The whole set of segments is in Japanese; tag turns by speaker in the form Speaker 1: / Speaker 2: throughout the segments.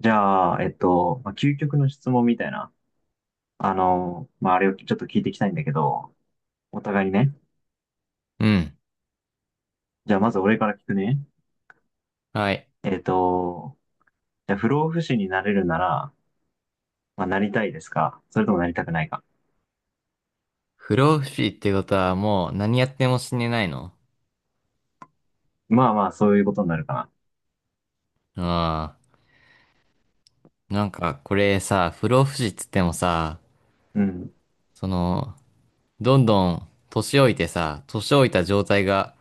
Speaker 1: じゃあ、まあ、究極の質問みたいな、あの、まあ、あれをちょっと聞いていきたいんだけど、お互いにね。
Speaker 2: うん。
Speaker 1: じゃあ、まず俺から聞くね。
Speaker 2: はい。
Speaker 1: えっと、じゃあ、不老不死になれるなら、まあ、なりたいですか、それともなりたくないか？
Speaker 2: 不老不死ってことはもう何やっても死ねないの？
Speaker 1: まあまあ、そういうことになるかな。
Speaker 2: ああ。なんかこれさ、不老不死っつってもさ、
Speaker 1: うん。
Speaker 2: その、どんどん年老いてさ、年老いた状態が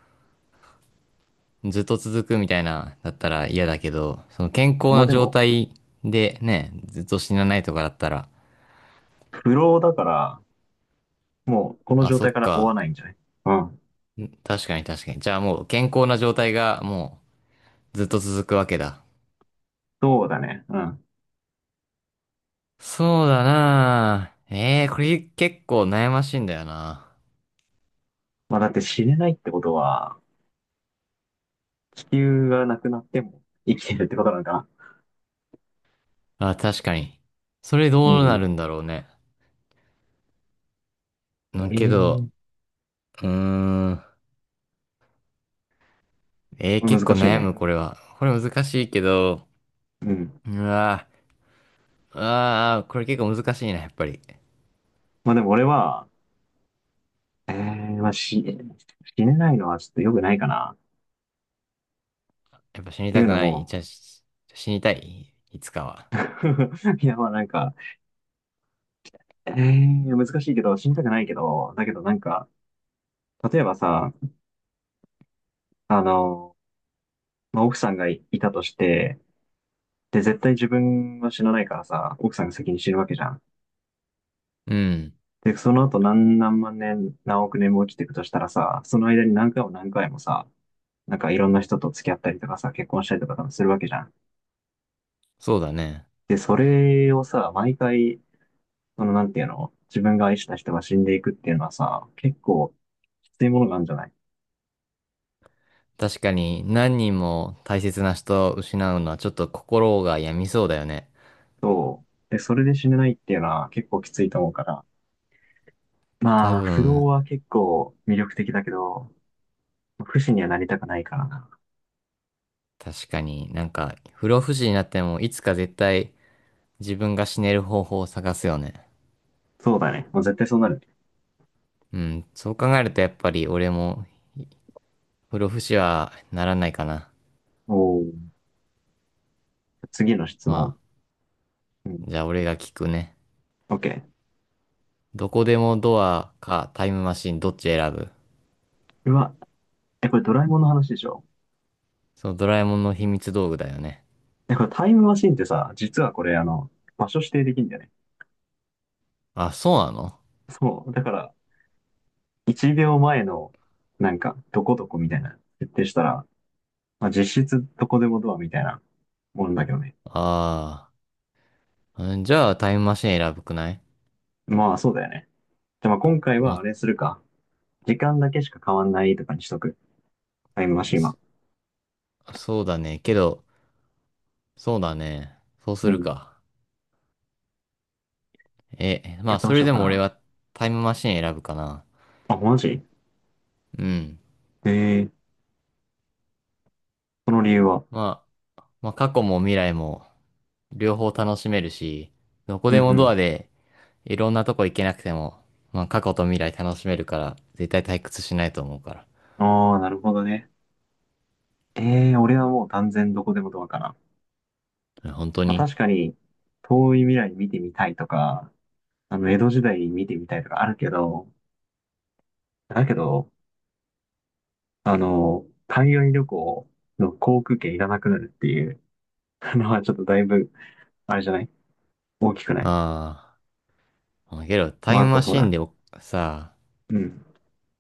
Speaker 2: ずっと続くみたいな、だったら嫌だけど、その健康
Speaker 1: まあ
Speaker 2: な
Speaker 1: で
Speaker 2: 状
Speaker 1: も、
Speaker 2: 態でね、ずっと死なないとかだったら、
Speaker 1: 不老だから、もう、この
Speaker 2: あ、
Speaker 1: 状
Speaker 2: そ
Speaker 1: 態
Speaker 2: っ
Speaker 1: から追わ
Speaker 2: か。
Speaker 1: ないんじゃない？うん。
Speaker 2: 確かに確かに。じゃあもう健康な状態がもうずっと続くわけだ。
Speaker 1: そうだね。うん。
Speaker 2: そうだなあええー、これ結構悩ましいんだよな。
Speaker 1: まあ、だって死ねないってことは、地球がなくなっても生きてるってことなのかな？
Speaker 2: あ、確かに。それ
Speaker 1: う
Speaker 2: どうなる
Speaker 1: ん。
Speaker 2: んだろうね。けど、
Speaker 1: ええ、
Speaker 2: うーん。
Speaker 1: これ
Speaker 2: 結構
Speaker 1: 難しい
Speaker 2: 悩
Speaker 1: ね。
Speaker 2: む、これは。これ難しいけど、
Speaker 1: うん。
Speaker 2: うわー、あー、これ結構難しいな、やっぱり。
Speaker 1: まあでも俺は、えー、まあ死ねないのはちょっと良くないかな。っ
Speaker 2: やっぱ死に
Speaker 1: てい
Speaker 2: た
Speaker 1: う
Speaker 2: く
Speaker 1: の
Speaker 2: ない。じ
Speaker 1: も、
Speaker 2: ゃあ、死にたい。いつかは。
Speaker 1: いやまあなんか、難しいけど、死にたくないけど、だけどなんか、例えばさ、あの、まあ、奥さんがいいたとして、で、絶対自分は死なないからさ、奥さんが先に死ぬわけじゃん。
Speaker 2: うん。
Speaker 1: で、その後何万年、何億年も生きていくとしたらさ、その間に何回も何回もさ、なんかいろんな人と付き合ったりとかさ、結婚したりとか多分するわけじゃん。
Speaker 2: そうだね。
Speaker 1: で、それをさ、毎回その、なんていうの、自分が愛した人が死んでいくっていうのはさ、結構きついものがあるんじゃない？
Speaker 2: 確かに、何人も大切な人を失うのはちょっと心が病みそうだよね。
Speaker 1: そう。で、それで死ねないっていうのは結構きついと思うから。
Speaker 2: 多
Speaker 1: まあ、不老
Speaker 2: 分、
Speaker 1: は結構魅力的だけど、不死にはなりたくないからな。
Speaker 2: 確かになんか、不老不死になっても、いつか絶対自分が死ねる方法を探すよね。
Speaker 1: そうだね。もう絶対そうなる。
Speaker 2: うん、そう考えるとやっぱり俺も不老不死はならないかな。
Speaker 1: おお。次の質
Speaker 2: ま
Speaker 1: 問。
Speaker 2: あ、
Speaker 1: うん。
Speaker 2: じゃあ俺が聞くね。
Speaker 1: OK。
Speaker 2: どこでもドアかタイムマシンどっち選ぶ？
Speaker 1: うわ、え、これドラえもんの話でしょ？
Speaker 2: そのドラえもんの秘密道具だよね。
Speaker 1: え、これタイムマシンってさ、実はこれあの、場所指定できるんだよね。
Speaker 2: あ、そうなの？
Speaker 1: そう。だから、1秒前の、なんか、どこどこみたいな、設定したら、まあ、実質どこでもドアみたいなもんだけどね。
Speaker 2: ああー、うん、じゃあタイムマシン選ぶくない？
Speaker 1: まあそうだよね。じゃあまあ今回
Speaker 2: ま
Speaker 1: はあれするか。時間だけしか変わんないとかにしとく。タイムマ
Speaker 2: あ、
Speaker 1: シンは。
Speaker 2: そうだね。けど、そうだね。そうす
Speaker 1: う
Speaker 2: る
Speaker 1: ん。
Speaker 2: か。え、ま
Speaker 1: や
Speaker 2: あ
Speaker 1: ど
Speaker 2: そ
Speaker 1: うし
Speaker 2: れ
Speaker 1: よう
Speaker 2: で
Speaker 1: か
Speaker 2: も俺
Speaker 1: な。
Speaker 2: はタイムマシン選ぶかな。
Speaker 1: あ、マジ？
Speaker 2: うん。
Speaker 1: ええ、その理由は？
Speaker 2: まあ、まあ、過去も未来も両方楽しめるし、どこ
Speaker 1: うん
Speaker 2: で
Speaker 1: う
Speaker 2: もドア
Speaker 1: ん。
Speaker 2: でいろんなとこ行けなくても、まあ過去と未来楽しめるから、絶対退屈しないと思うか
Speaker 1: ああ、なるほどね。ええ、俺はもう断然どこでもドアかな。
Speaker 2: ら。本当
Speaker 1: まあ
Speaker 2: に、
Speaker 1: 確かに、遠い未来見てみたいとか、あの、江戸時代見てみたいとかあるけど、だけど、あの、海外旅行の航空券いらなくなるっていうのはちょっとだいぶあれじゃない？大きくない？
Speaker 2: ああ。けど、
Speaker 1: まあ、あとほら、
Speaker 2: さ
Speaker 1: うん。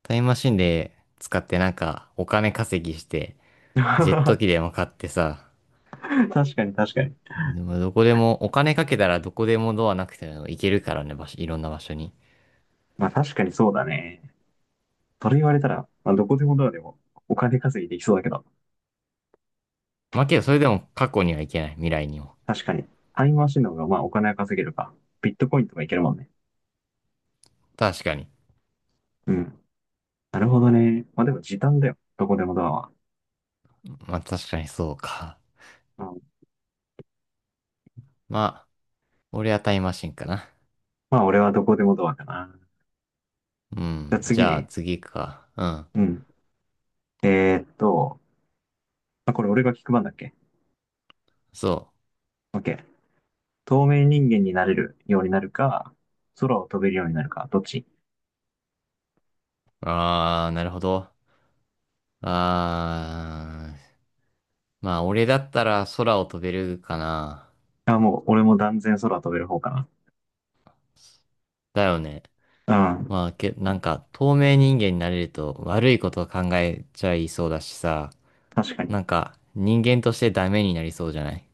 Speaker 2: タイムマシンで使ってなんかお金稼ぎして、ジェット
Speaker 1: 確
Speaker 2: 機でも買ってさ、
Speaker 1: かに確かに。
Speaker 2: でもどこでも、お金かけたらどこでもドアなくても行けるからね、場所、いろんな場所に。
Speaker 1: まあ確かにそうだね。それ言われたら、まあどこでもドアでもお金稼ぎできそうだけど、
Speaker 2: まあけど、それでも過去には行けない、未来にも。
Speaker 1: 確かに。タイムマシンの方がまあお金は稼げるか。ビットコインとかいけるもんね。
Speaker 2: 確かに。
Speaker 1: うん。なるほどね。まあでも時短だよ。どこでもドアは。
Speaker 2: まあ確かにそうか。
Speaker 1: うん、
Speaker 2: まあ、俺はタイムマシンかな。
Speaker 1: まあ俺はどこでもドアかな。
Speaker 2: う
Speaker 1: じゃあ
Speaker 2: ん、じ
Speaker 1: 次
Speaker 2: ゃあ
Speaker 1: ね。
Speaker 2: 次行くか。うん。
Speaker 1: うん。えーっと、まあ、これ俺が聞く番だっけ？
Speaker 2: そ
Speaker 1: OK。透明人間になれるようになるか、空を飛べるようになるか、どっち？
Speaker 2: う。ああ、なるほど。ああ、まあ、俺だったら空を飛べるかな。
Speaker 1: あ、もう、俺も断然空飛べる方か
Speaker 2: だよね。
Speaker 1: な。う
Speaker 2: まあ、
Speaker 1: ん。
Speaker 2: なんか、透明人間になれると悪いことを考えちゃいそうだしさ、
Speaker 1: 確か
Speaker 2: なん
Speaker 1: に。
Speaker 2: か、人間としてダメになりそうじゃない？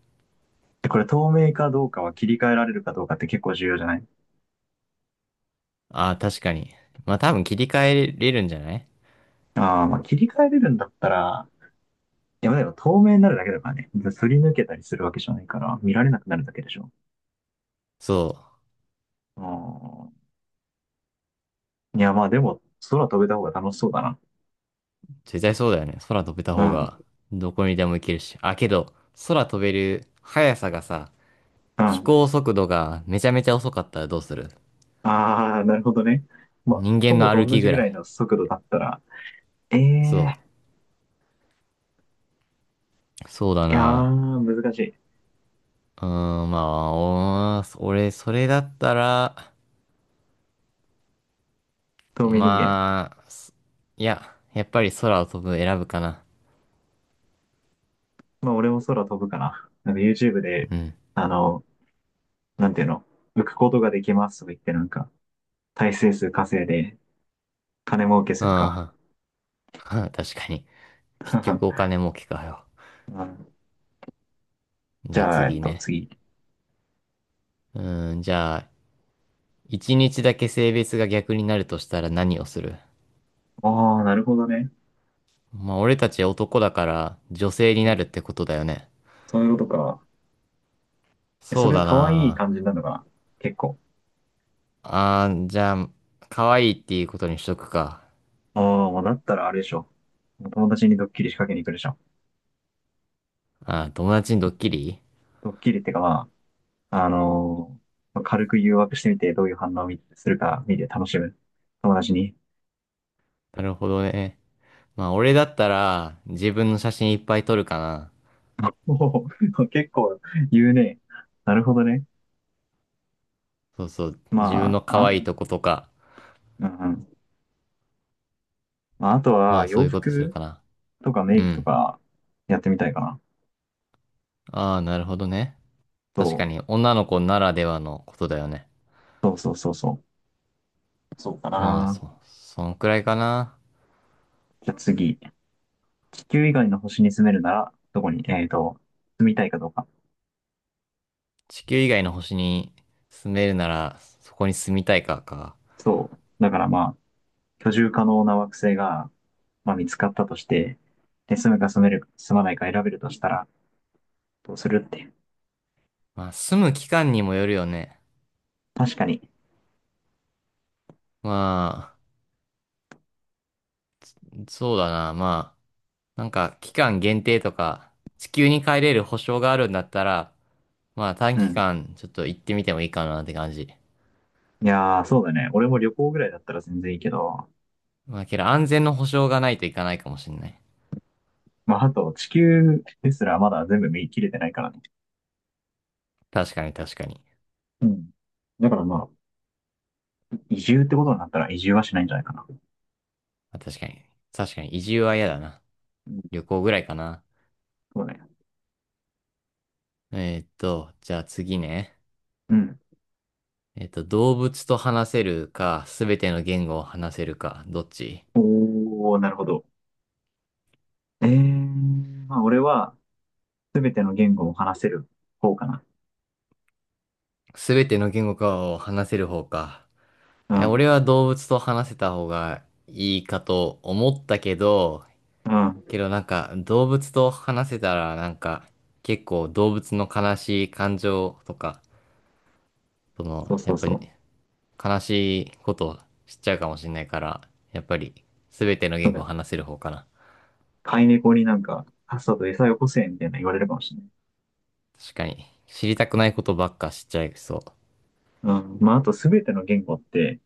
Speaker 1: で、これ透明かどうかは切り替えられるかどうかって結構重要じゃない？
Speaker 2: ああー、確かに。まあ、多分切り替えれるんじゃない？
Speaker 1: ああー、まあ切り替えれるんだったら、いや、でも透明になるだけだからね。すり抜けたりするわけじゃないから、見られなくなるだけでしょ。
Speaker 2: そう。
Speaker 1: うん。いや、まあでも、空飛べた方が楽しそうだな。
Speaker 2: 絶対そうだよね。空飛べた
Speaker 1: う
Speaker 2: 方
Speaker 1: ん。
Speaker 2: が、どこにでも行けるし。あ、けど、空飛べる速さがさ、
Speaker 1: う
Speaker 2: 飛
Speaker 1: ん。
Speaker 2: 行速度がめちゃめちゃ遅かったらどうする？
Speaker 1: ああ、なるほどね。まあ、
Speaker 2: 人
Speaker 1: 徒
Speaker 2: 間
Speaker 1: 歩
Speaker 2: の歩
Speaker 1: と同
Speaker 2: き
Speaker 1: じ
Speaker 2: ぐ
Speaker 1: ぐ
Speaker 2: ら
Speaker 1: らい
Speaker 2: い。
Speaker 1: の速度だったら、え
Speaker 2: そ
Speaker 1: えー。
Speaker 2: う。そうだ
Speaker 1: いや
Speaker 2: な。
Speaker 1: ー、難しい。
Speaker 2: うーん、まあ、俺、それだったら、
Speaker 1: 透明人間。
Speaker 2: まあ、いや、やっぱり空を飛ぶ選ぶかな。
Speaker 1: まあ、俺も空飛ぶかな。なんか YouTube で、
Speaker 2: うん。
Speaker 1: あの、なんていうの、浮くことができますとか言って、なんか、耐性数稼いで、金儲けするか。
Speaker 2: ああ、確かに。結局お 金儲けかよ。
Speaker 1: うん。じ
Speaker 2: じゃあ
Speaker 1: ゃあ、
Speaker 2: 次ね。
Speaker 1: 次。
Speaker 2: うーん、じゃあ、一日だけ性別が逆になるとしたら何をする？
Speaker 1: ああ、なるほどね。
Speaker 2: まあ、俺たち男だから女性に
Speaker 1: う
Speaker 2: な
Speaker 1: ん。
Speaker 2: るってことだよね。
Speaker 1: そういうことか。え、そ
Speaker 2: そう
Speaker 1: れは
Speaker 2: だ
Speaker 1: 可愛い
Speaker 2: な。
Speaker 1: 感じなのが、結構？
Speaker 2: あー、じゃあ、可愛いっていうことにしとくか。
Speaker 1: ああ、もうだったらあれでしょ。もう友達にドッキリ仕掛けに行くでしょ。
Speaker 2: あー、友達にドッキリ。
Speaker 1: ドッキリってか、まあ、まあ軽く誘惑してみて、どういう反応を見するか見て楽しむ。友達に。
Speaker 2: なるほどね。まあ、俺だったら、自分の写真いっぱい撮るかな。
Speaker 1: おお、結構言うね。なるほどね。
Speaker 2: そうそう。自分
Speaker 1: ま
Speaker 2: の
Speaker 1: あ、
Speaker 2: 可
Speaker 1: あ、
Speaker 2: 愛いとことか。
Speaker 1: ううんまあ、あと
Speaker 2: ま
Speaker 1: は
Speaker 2: あ、そう
Speaker 1: 洋
Speaker 2: いうことする
Speaker 1: 服
Speaker 2: かな。
Speaker 1: とかメ
Speaker 2: う
Speaker 1: イクと
Speaker 2: ん。
Speaker 1: かやってみたいかな。
Speaker 2: ああ、なるほどね。
Speaker 1: そ
Speaker 2: 確か
Speaker 1: う、
Speaker 2: に、女の子ならではのことだよね。
Speaker 1: そうそうそうそう。そうか
Speaker 2: まあ、
Speaker 1: な。
Speaker 2: そんくらいかな。
Speaker 1: じゃあ次。地球以外の星に住めるなら、どこに、住みたいかどうか。
Speaker 2: 地球以外の星に住めるなら、そこに住みたいか。
Speaker 1: そう。だからまあ、居住可能な惑星が、まあ、見つかったとして、で、住むか住める、住まないか選べるとしたら、どうするって。
Speaker 2: まあ、住む期間にもよるよね。
Speaker 1: 確かに。
Speaker 2: まあ、そうだな。まあ、なんか期間限定とか、地球に帰れる保証があるんだったら、まあ短
Speaker 1: う
Speaker 2: 期
Speaker 1: ん。
Speaker 2: 間ちょっと行ってみてもいいかなって感じ。
Speaker 1: いやー、そうだね。俺も旅行ぐらいだったら全然いいけど、
Speaker 2: まあけど安全の保証がないといかないかもしんない。
Speaker 1: まあ、あと地球ですらまだ全部見切れてないからね。
Speaker 2: 確かに確かに。
Speaker 1: うん。だからまあ、移住ってことになったら移住はしないんじゃないかな。
Speaker 2: まあ確かに。確かに移住は嫌だな。
Speaker 1: うん、
Speaker 2: 旅行ぐらいかな。
Speaker 1: そうね。
Speaker 2: じゃあ次ね。
Speaker 1: うん。
Speaker 2: 動物と話せるか、すべての言語を話せるか、どっち？
Speaker 1: おー、なるほど。えー、まあ俺は全ての言語を話せる方かな。
Speaker 2: すべての言語かを話せる方か。
Speaker 1: う
Speaker 2: え、俺
Speaker 1: ん。
Speaker 2: は動物と話せた方がいいかと思ったけど、
Speaker 1: うん。
Speaker 2: けどなんか動物と話せたらなんか結構動物の悲しい感情とか、その
Speaker 1: そうそ
Speaker 2: やっ
Speaker 1: う
Speaker 2: ぱ
Speaker 1: そ
Speaker 2: り
Speaker 1: う。
Speaker 2: 悲しいことを知っちゃうかもしれないから、やっぱり全ての
Speaker 1: そう
Speaker 2: 言
Speaker 1: だ
Speaker 2: 語を
Speaker 1: よ。
Speaker 2: 話せる方かな。
Speaker 1: 飼い猫になんか、さっさと餌よこせみたいな言われるかもしれない。
Speaker 2: 確かに知りたくないことばっか知っちゃいそ
Speaker 1: うん。まああと全ての言語って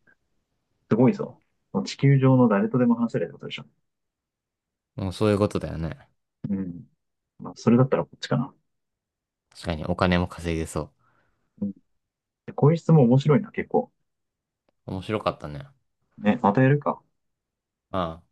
Speaker 1: すごいぞ。地球上の誰とでも話せるってことでしょ。
Speaker 2: う。もうそういうことだよね。
Speaker 1: うん。まあそれだったらこっちかな。
Speaker 2: 確かにお金も稼げそう。
Speaker 1: うん。こういう質問面白いな、結構。
Speaker 2: 面白かったね。
Speaker 1: ね、またやるか。
Speaker 2: ああ。